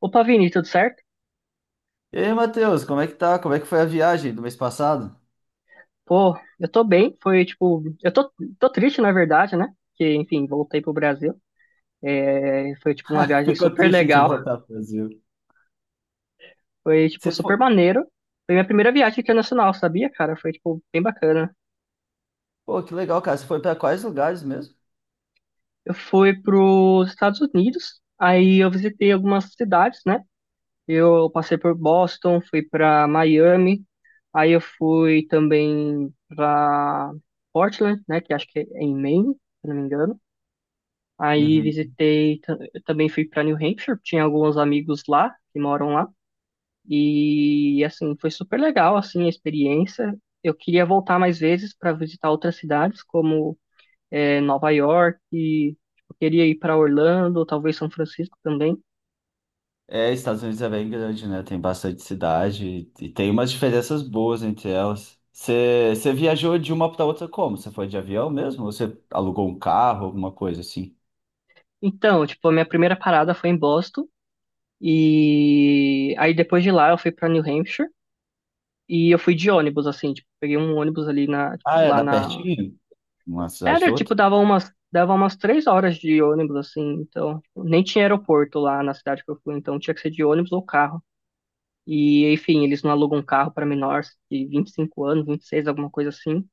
Opa, Vini, tudo certo? E aí, Matheus, como é que tá? Como é que foi a viagem do mês passado? Pô, eu tô bem. Foi tipo, tô triste, na verdade, né? Que, enfim, voltei pro Brasil. É, foi tipo uma viagem Ficou super triste de legal. voltar pro Brasil. Foi tipo Você super foi? maneiro. Foi minha primeira viagem internacional, sabia, cara? Foi tipo bem bacana. Pô, que legal, cara. Você foi pra quais lugares mesmo? Eu fui pros Estados Unidos. Aí eu visitei algumas cidades, né? Eu passei por Boston, fui pra Miami. Aí eu fui também pra Portland, né? Que acho que é em Maine, se não me engano. Aí Uhum. Eu também fui para New Hampshire, tinha alguns amigos lá que moram lá e assim foi super legal assim a experiência. Eu queria voltar mais vezes para visitar outras cidades como Nova York, e, tipo, eu queria ir para Orlando, talvez São Francisco também. É, Estados Unidos é bem grande, né? Tem bastante cidade e tem umas diferenças boas entre elas. Você viajou de uma pra outra como? Você foi de avião mesmo? Ou você alugou um carro, alguma coisa assim? Então, tipo, a minha primeira parada foi em Boston e aí depois de lá eu fui para New Hampshire e eu fui de ônibus assim, tipo, peguei um ônibus ali na Ah, é, lá dá na. pertinho? Uma cidade da Era, outra? tipo, dava umas 3 horas de ônibus, assim, então, tipo, nem tinha aeroporto lá na cidade que eu fui, então tinha que ser de ônibus ou carro. E, enfim, eles não alugam um carro para menores de 25 anos, 26 alguma coisa assim.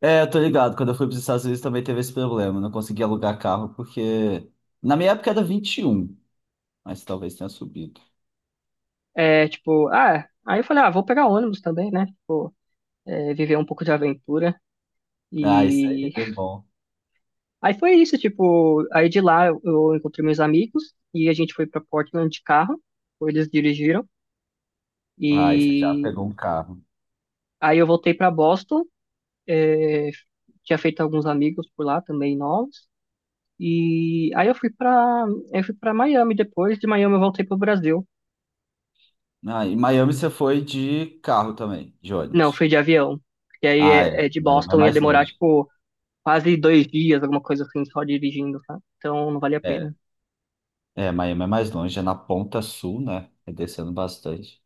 É, eu tô ligado. Quando eu fui para os Estados Unidos também teve esse problema. Eu não consegui alugar carro porque. Na minha época era vinte e um, mas talvez tenha subido. É, tipo, ah, aí eu falei, ah, vou pegar ônibus também, né? Tipo, viver um pouco de aventura. Ah, isso aí E é bom. aí foi isso, tipo, aí de lá eu encontrei meus amigos e a gente foi para Portland de carro, ou eles dirigiram. Ah, e você já E pegou um carro. aí eu voltei para Boston, é, tinha feito alguns amigos por lá também novos. E aí eu fui pra Miami depois, de Miami eu voltei pro Brasil. Ah, em Miami você foi de carro também, de Não, fui de ônibus. avião, porque aí Ah, é. é de Miami é Boston ia mais demorar, longe. tipo, quase 2 dias, alguma coisa assim, só dirigindo, tá? Então não vale a É, pena. é, Miami é mais longe, é na ponta sul, né? É descendo bastante.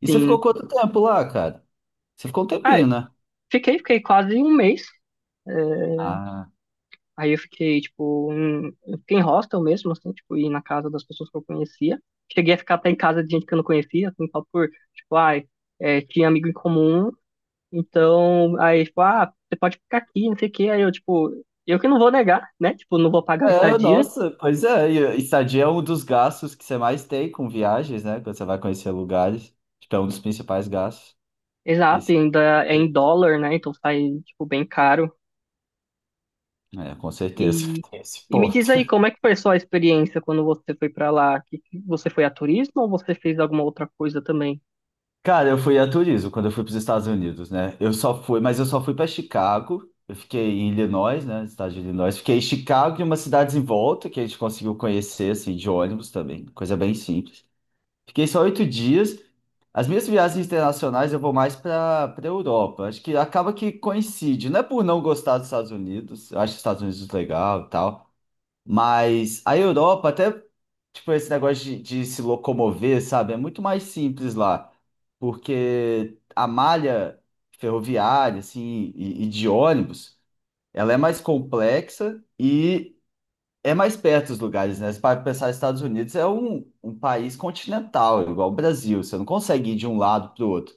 E você ficou Sim. quanto tempo lá, cara? Você ficou um Ah, tempinho, né? fiquei quase um mês. É, Ah, aí eu fiquei, tipo, em, eu fiquei em hostel mesmo, assim, tipo, ir na casa das pessoas que eu conhecia. Cheguei a ficar até em casa de gente que eu não conhecia, assim, só por, tipo, ai, tinha amigo em comum. Então, aí, tipo, ah, você pode ficar aqui, não sei o quê. Aí eu, tipo, eu que não vou negar, né? Tipo, não vou pagar a é, estadia. nossa, pois é. E estadia é um dos gastos que você mais tem com viagens, né? Quando você vai conhecer lugares. Tipo, é um dos principais gastos. Exato, e Esse... ainda é em dólar, né? Então sai, tipo, bem caro. É, com certeza, E, tem esse e me ponto. diz aí, como é que foi a sua experiência quando você foi pra lá? Você foi a turismo ou você fez alguma outra coisa também? Cara, eu fui a turismo quando eu fui para os Estados Unidos, né? Eu só fui, mas eu só fui para Chicago. Eu fiquei em Illinois, né? Estado de Illinois. Fiquei em Chicago e umas cidades em volta que a gente conseguiu conhecer, assim, de ônibus também. Coisa bem simples. Fiquei só oito dias. As minhas viagens internacionais eu vou mais para Europa. Acho que acaba que coincide. Não é por não gostar dos Estados Unidos. Eu acho os Estados Unidos legal e tal. Mas a Europa, até tipo esse negócio de se locomover, sabe, é muito mais simples lá, porque a malha ferroviária, assim, e de ônibus, ela é mais complexa e é mais perto os lugares, né? Se para pensar, Estados Unidos é um país continental, igual o Brasil. Você não consegue ir de um lado para o outro.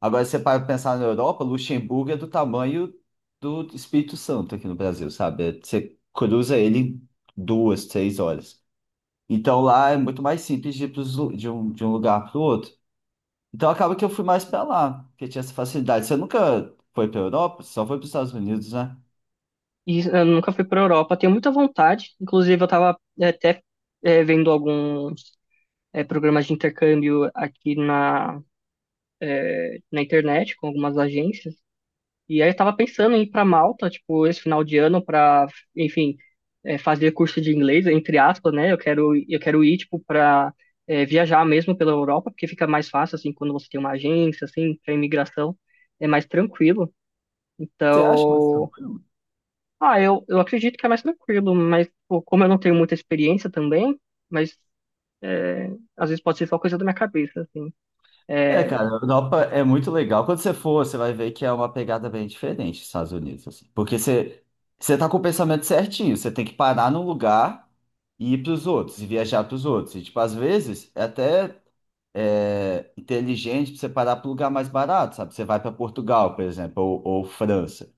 Agora, se você para pensar na Europa, Luxemburgo é do tamanho do Espírito Santo aqui no Brasil, sabe? É, você cruza ele em duas, três horas. Então, lá é muito mais simples de ir pros de um lugar para o outro. Então, acaba que eu fui mais para lá, porque tinha essa facilidade. Você nunca foi para Europa? Você só foi para os Estados Unidos, né? E eu nunca fui pra Europa, tenho muita vontade. Inclusive, eu tava até vendo alguns programas de intercâmbio aqui na internet com algumas agências. E aí eu tava pensando em ir pra Malta, tipo, esse final de ano pra, enfim, fazer curso de inglês, entre aspas, né? Eu quero ir, tipo, pra viajar mesmo pela Europa, porque fica mais fácil, assim, quando você tem uma agência, assim, pra imigração, é mais tranquilo. Você acha mais Então, tranquilo? ah, eu acredito que é mais tranquilo, mas pô, como eu não tenho muita experiência também, mas é, às vezes pode ser só coisa da minha cabeça, assim. É, É, cara, a Europa é muito legal. Quando você for, você vai ver que é uma pegada bem diferente dos Estados Unidos, assim. Porque você tá com o pensamento certinho, você tem que parar num lugar e ir pros outros, e viajar pros outros. E, tipo, às vezes é até inteligente pra você parar pro lugar mais barato, sabe? Você vai para Portugal, por exemplo, ou França,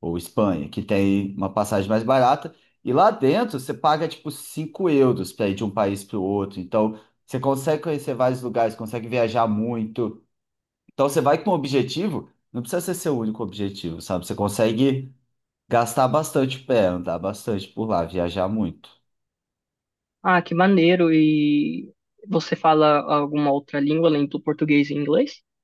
ou Espanha, que tem uma passagem mais barata. E lá dentro você paga, tipo, 5 euros para ir de um país pro outro. Então, você consegue conhecer vários lugares, consegue viajar muito. Então você vai com um objetivo, não precisa ser seu único objetivo, sabe? Você consegue gastar bastante pé, andar bastante por lá, viajar muito. Ah, que maneiro. E você fala alguma outra língua além do português e inglês?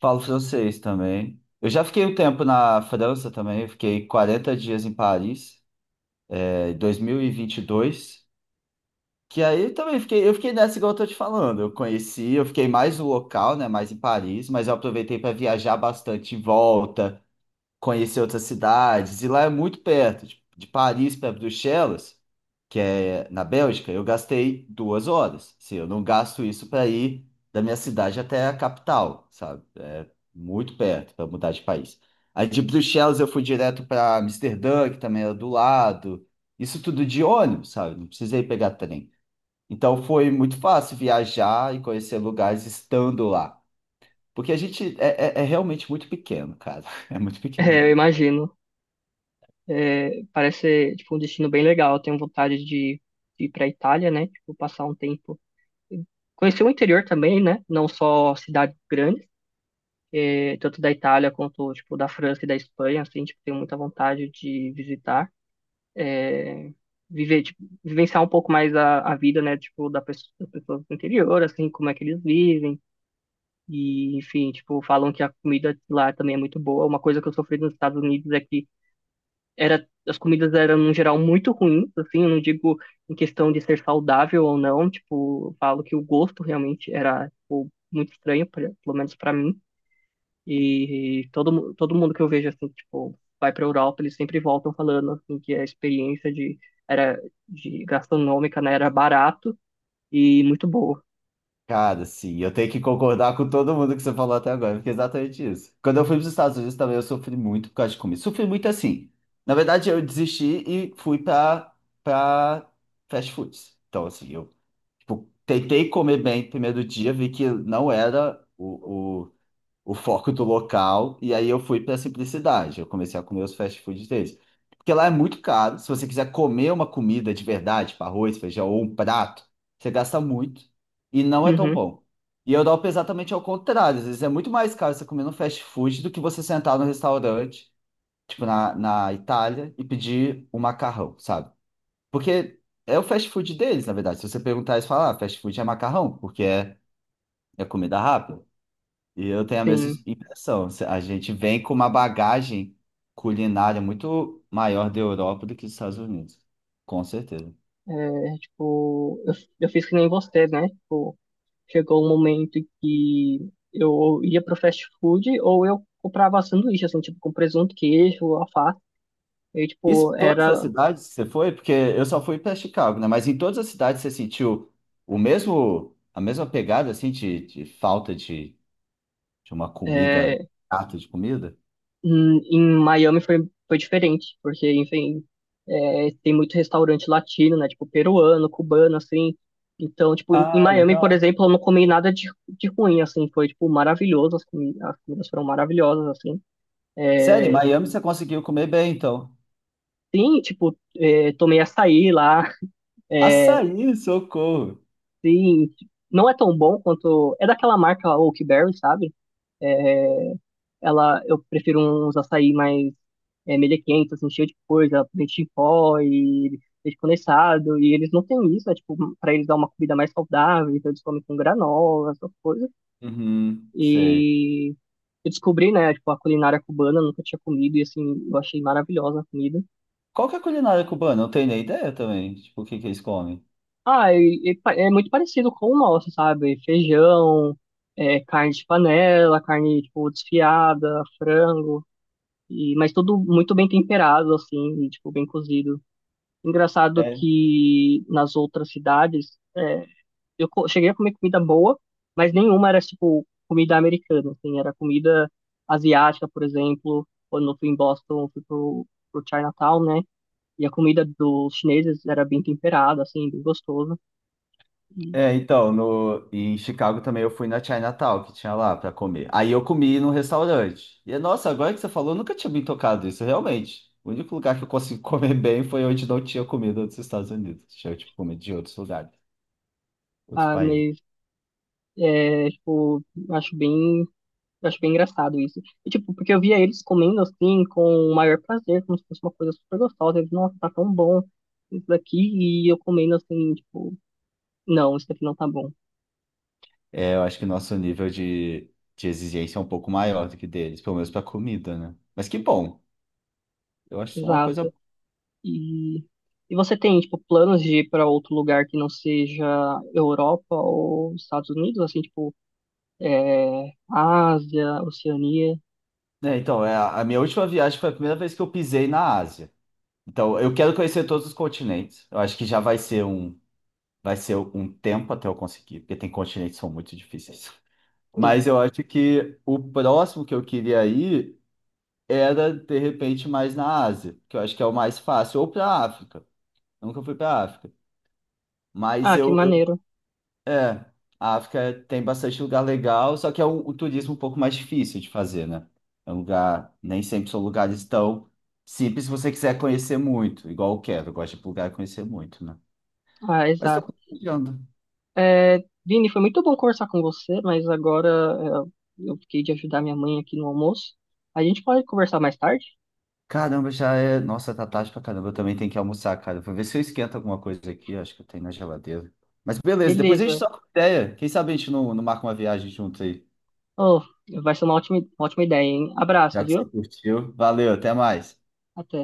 Falo francês também. Eu já fiquei um tempo na França também, eu fiquei 40 dias em Paris, em 2022. Que aí eu também fiquei, eu fiquei nessa igual eu tô te falando. Eu conheci, eu fiquei mais no local, né, mais em Paris, mas eu aproveitei para viajar bastante em volta, conhecer outras cidades. E lá é muito perto, de Paris para Bruxelas, que é na Bélgica, eu gastei duas horas. Assim, eu não gasto isso para ir da minha cidade até a capital, sabe? É muito perto para mudar de país. Aí de Bruxelas eu fui direto para Amsterdã, que também era do lado. Isso tudo de ônibus, sabe? Não precisei pegar trem. Então foi muito fácil viajar e conhecer lugares estando lá. Porque a gente é realmente muito pequeno, cara. É muito É, eu pequenininho. imagino. É, parece ser, tipo, um destino bem legal. Eu tenho vontade de ir para Itália, né? Tipo, passar um tempo. Conhecer o interior também, né? Não só cidades grandes, tanto da Itália quanto, tipo, da França e da Espanha, assim, tipo, tenho muita vontade de visitar. Viver, tipo, vivenciar um pouco mais a vida, né? Tipo, da pessoa, das pessoas do interior, assim, como é que eles vivem. E, enfim, tipo, falam que a comida lá também é muito boa. Uma coisa que eu sofri nos Estados Unidos é que era, as comidas eram, no geral, muito ruins, assim, eu não digo em questão de ser saudável ou não, tipo, eu falo que o gosto realmente era, tipo, muito estranho, pelo menos pra mim. E todo mundo que eu vejo, assim, tipo, vai pra Europa, eles sempre voltam falando, assim, que a experiência de, era, de gastronômica, né, era barato e muito boa. Cara, sim, eu tenho que concordar com todo mundo que você falou até agora, porque é exatamente isso. Quando eu fui para os Estados Unidos também eu sofri muito por causa de comida. Sofri muito assim. Na verdade, eu desisti e fui para fast foods. Então, assim, eu tipo, tentei comer bem no primeiro dia, vi que não era o foco do local, e aí eu fui para simplicidade. Eu comecei a comer os fast foods deles. Porque lá é muito caro. Se você quiser comer uma comida de verdade, tipo arroz, feijão ou um prato, você gasta muito e não é tão Uhum, bom. E eu dou exatamente ao contrário. Às vezes é muito mais caro você comer no fast food do que você sentar no restaurante, tipo na Itália, e pedir um macarrão, sabe? Porque é o fast food deles, na verdade. Se você perguntar, eles falam, ah, fast food é macarrão, porque é comida rápida. E eu tenho a mesma sim. impressão. A gente vem com uma bagagem culinária muito maior da Europa do que dos Estados Unidos. Com certeza. É, tipo, eu fiz que nem você, né? Tipo, chegou um momento que eu ia pro fast food ou eu comprava sanduíche, assim, tipo, com presunto, queijo, alface. E, Isso tipo, em todas as era... cidades que você foi? Porque eu só fui para Chicago, né? Mas em todas as cidades você sentiu o mesmo, a mesma pegada, assim, de falta de uma comida, é, prato de comida? em Miami foi diferente, porque, enfim, tem muito restaurante latino, né? Tipo, peruano, cubano, assim. Então, tipo, em Ah, Miami, por legal. exemplo, eu não comi nada de ruim, assim. Foi, tipo, maravilhoso. As comidas foram maravilhosas, assim. Sério, em É, Miami você conseguiu comer bem, então. sim, tipo, tomei açaí lá. É, Açaí, socorro. sim, não é tão bom quanto. É daquela marca Oakberry, sabe? É, eu prefiro uns açaí mais melequento, assim, cheio de coisa, leite em pó e leite condensado. E eles não têm isso, é tipo, pra eles dar uma comida mais saudável, então eles comem com granola, essas coisas. Uhum, sei. E eu descobri, né, tipo, a culinária cubana, eu nunca tinha comido, e assim, eu achei maravilhosa a comida. Qual que é a culinária cubana? Eu não tenho nem ideia também. Tipo, o que que eles comem? Ah, e é muito parecido com o nosso, sabe? Feijão, carne de panela, carne, tipo, desfiada, frango, e, mas tudo muito bem temperado, assim, e, tipo, bem cozido. Engraçado É, que nas outras cidades, cheguei a comer comida boa, mas nenhuma era, tipo, comida americana, assim, era comida asiática, por exemplo. Quando eu fui em Boston, eu fui pro Chinatown, né? E a comida dos chineses era bem temperada, assim, bem gostosa. Então, no, em Chicago também eu fui na Chinatown, que tinha lá pra comer. Aí eu comi num restaurante. E, nossa, agora que você falou, eu nunca tinha me tocado isso, realmente. O único lugar que eu consegui comer bem foi onde não tinha comida dos Estados Unidos. Tinha, tipo, comida de outros lugares, outros Ah, países. mas tipo, acho bem, acho bem engraçado isso. E, tipo, porque eu via eles comendo assim com o maior prazer, como se fosse uma coisa super gostosa. Eles, nossa, tá tão bom isso daqui, e eu comendo assim, tipo, não, isso daqui não tá bom. É, eu acho que nosso nível de exigência é um pouco maior do que deles, pelo menos pra comida, né? Mas que bom. Eu acho isso uma coisa... Exato. E, e você tem, tipo, planos de ir para outro lugar que não seja Europa ou Estados Unidos, assim, tipo, Ásia, Oceania, a minha última viagem foi a primeira vez que eu pisei na Ásia. Então, eu quero conhecer todos os continentes. Eu acho que já vai ser um tempo até eu conseguir, porque tem continentes que são muito difíceis. sim. Mas eu acho que o próximo que eu queria ir era, de repente, mais na Ásia, que eu acho que é o mais fácil, ou para a África. Nunca fui para a África. Mas Ah, que maneiro. é, a África tem bastante lugar legal, só que é um turismo um pouco mais difícil de fazer, né? É um lugar, nem sempre são lugares tão simples se você quiser conhecer muito, igual eu quero, eu gosto de ir para lugar e conhecer muito, né? Ah, Mas tô exato. compartilhando. É, Vini, foi muito bom conversar com você, mas agora eu fiquei de ajudar minha mãe aqui no almoço. A gente pode conversar mais tarde? Caramba, já é. Nossa, tá tarde pra caramba. Eu também tenho que almoçar, cara. Vou ver se eu esquento alguma coisa aqui. Acho que eu tenho na geladeira. Mas beleza, depois a gente Beleza. troca ideia. Quem sabe a gente não marca uma viagem junto aí. Oh, vai ser uma ótima ideia, hein? Já Abraço, que você viu? curtiu. Valeu, até mais. Até.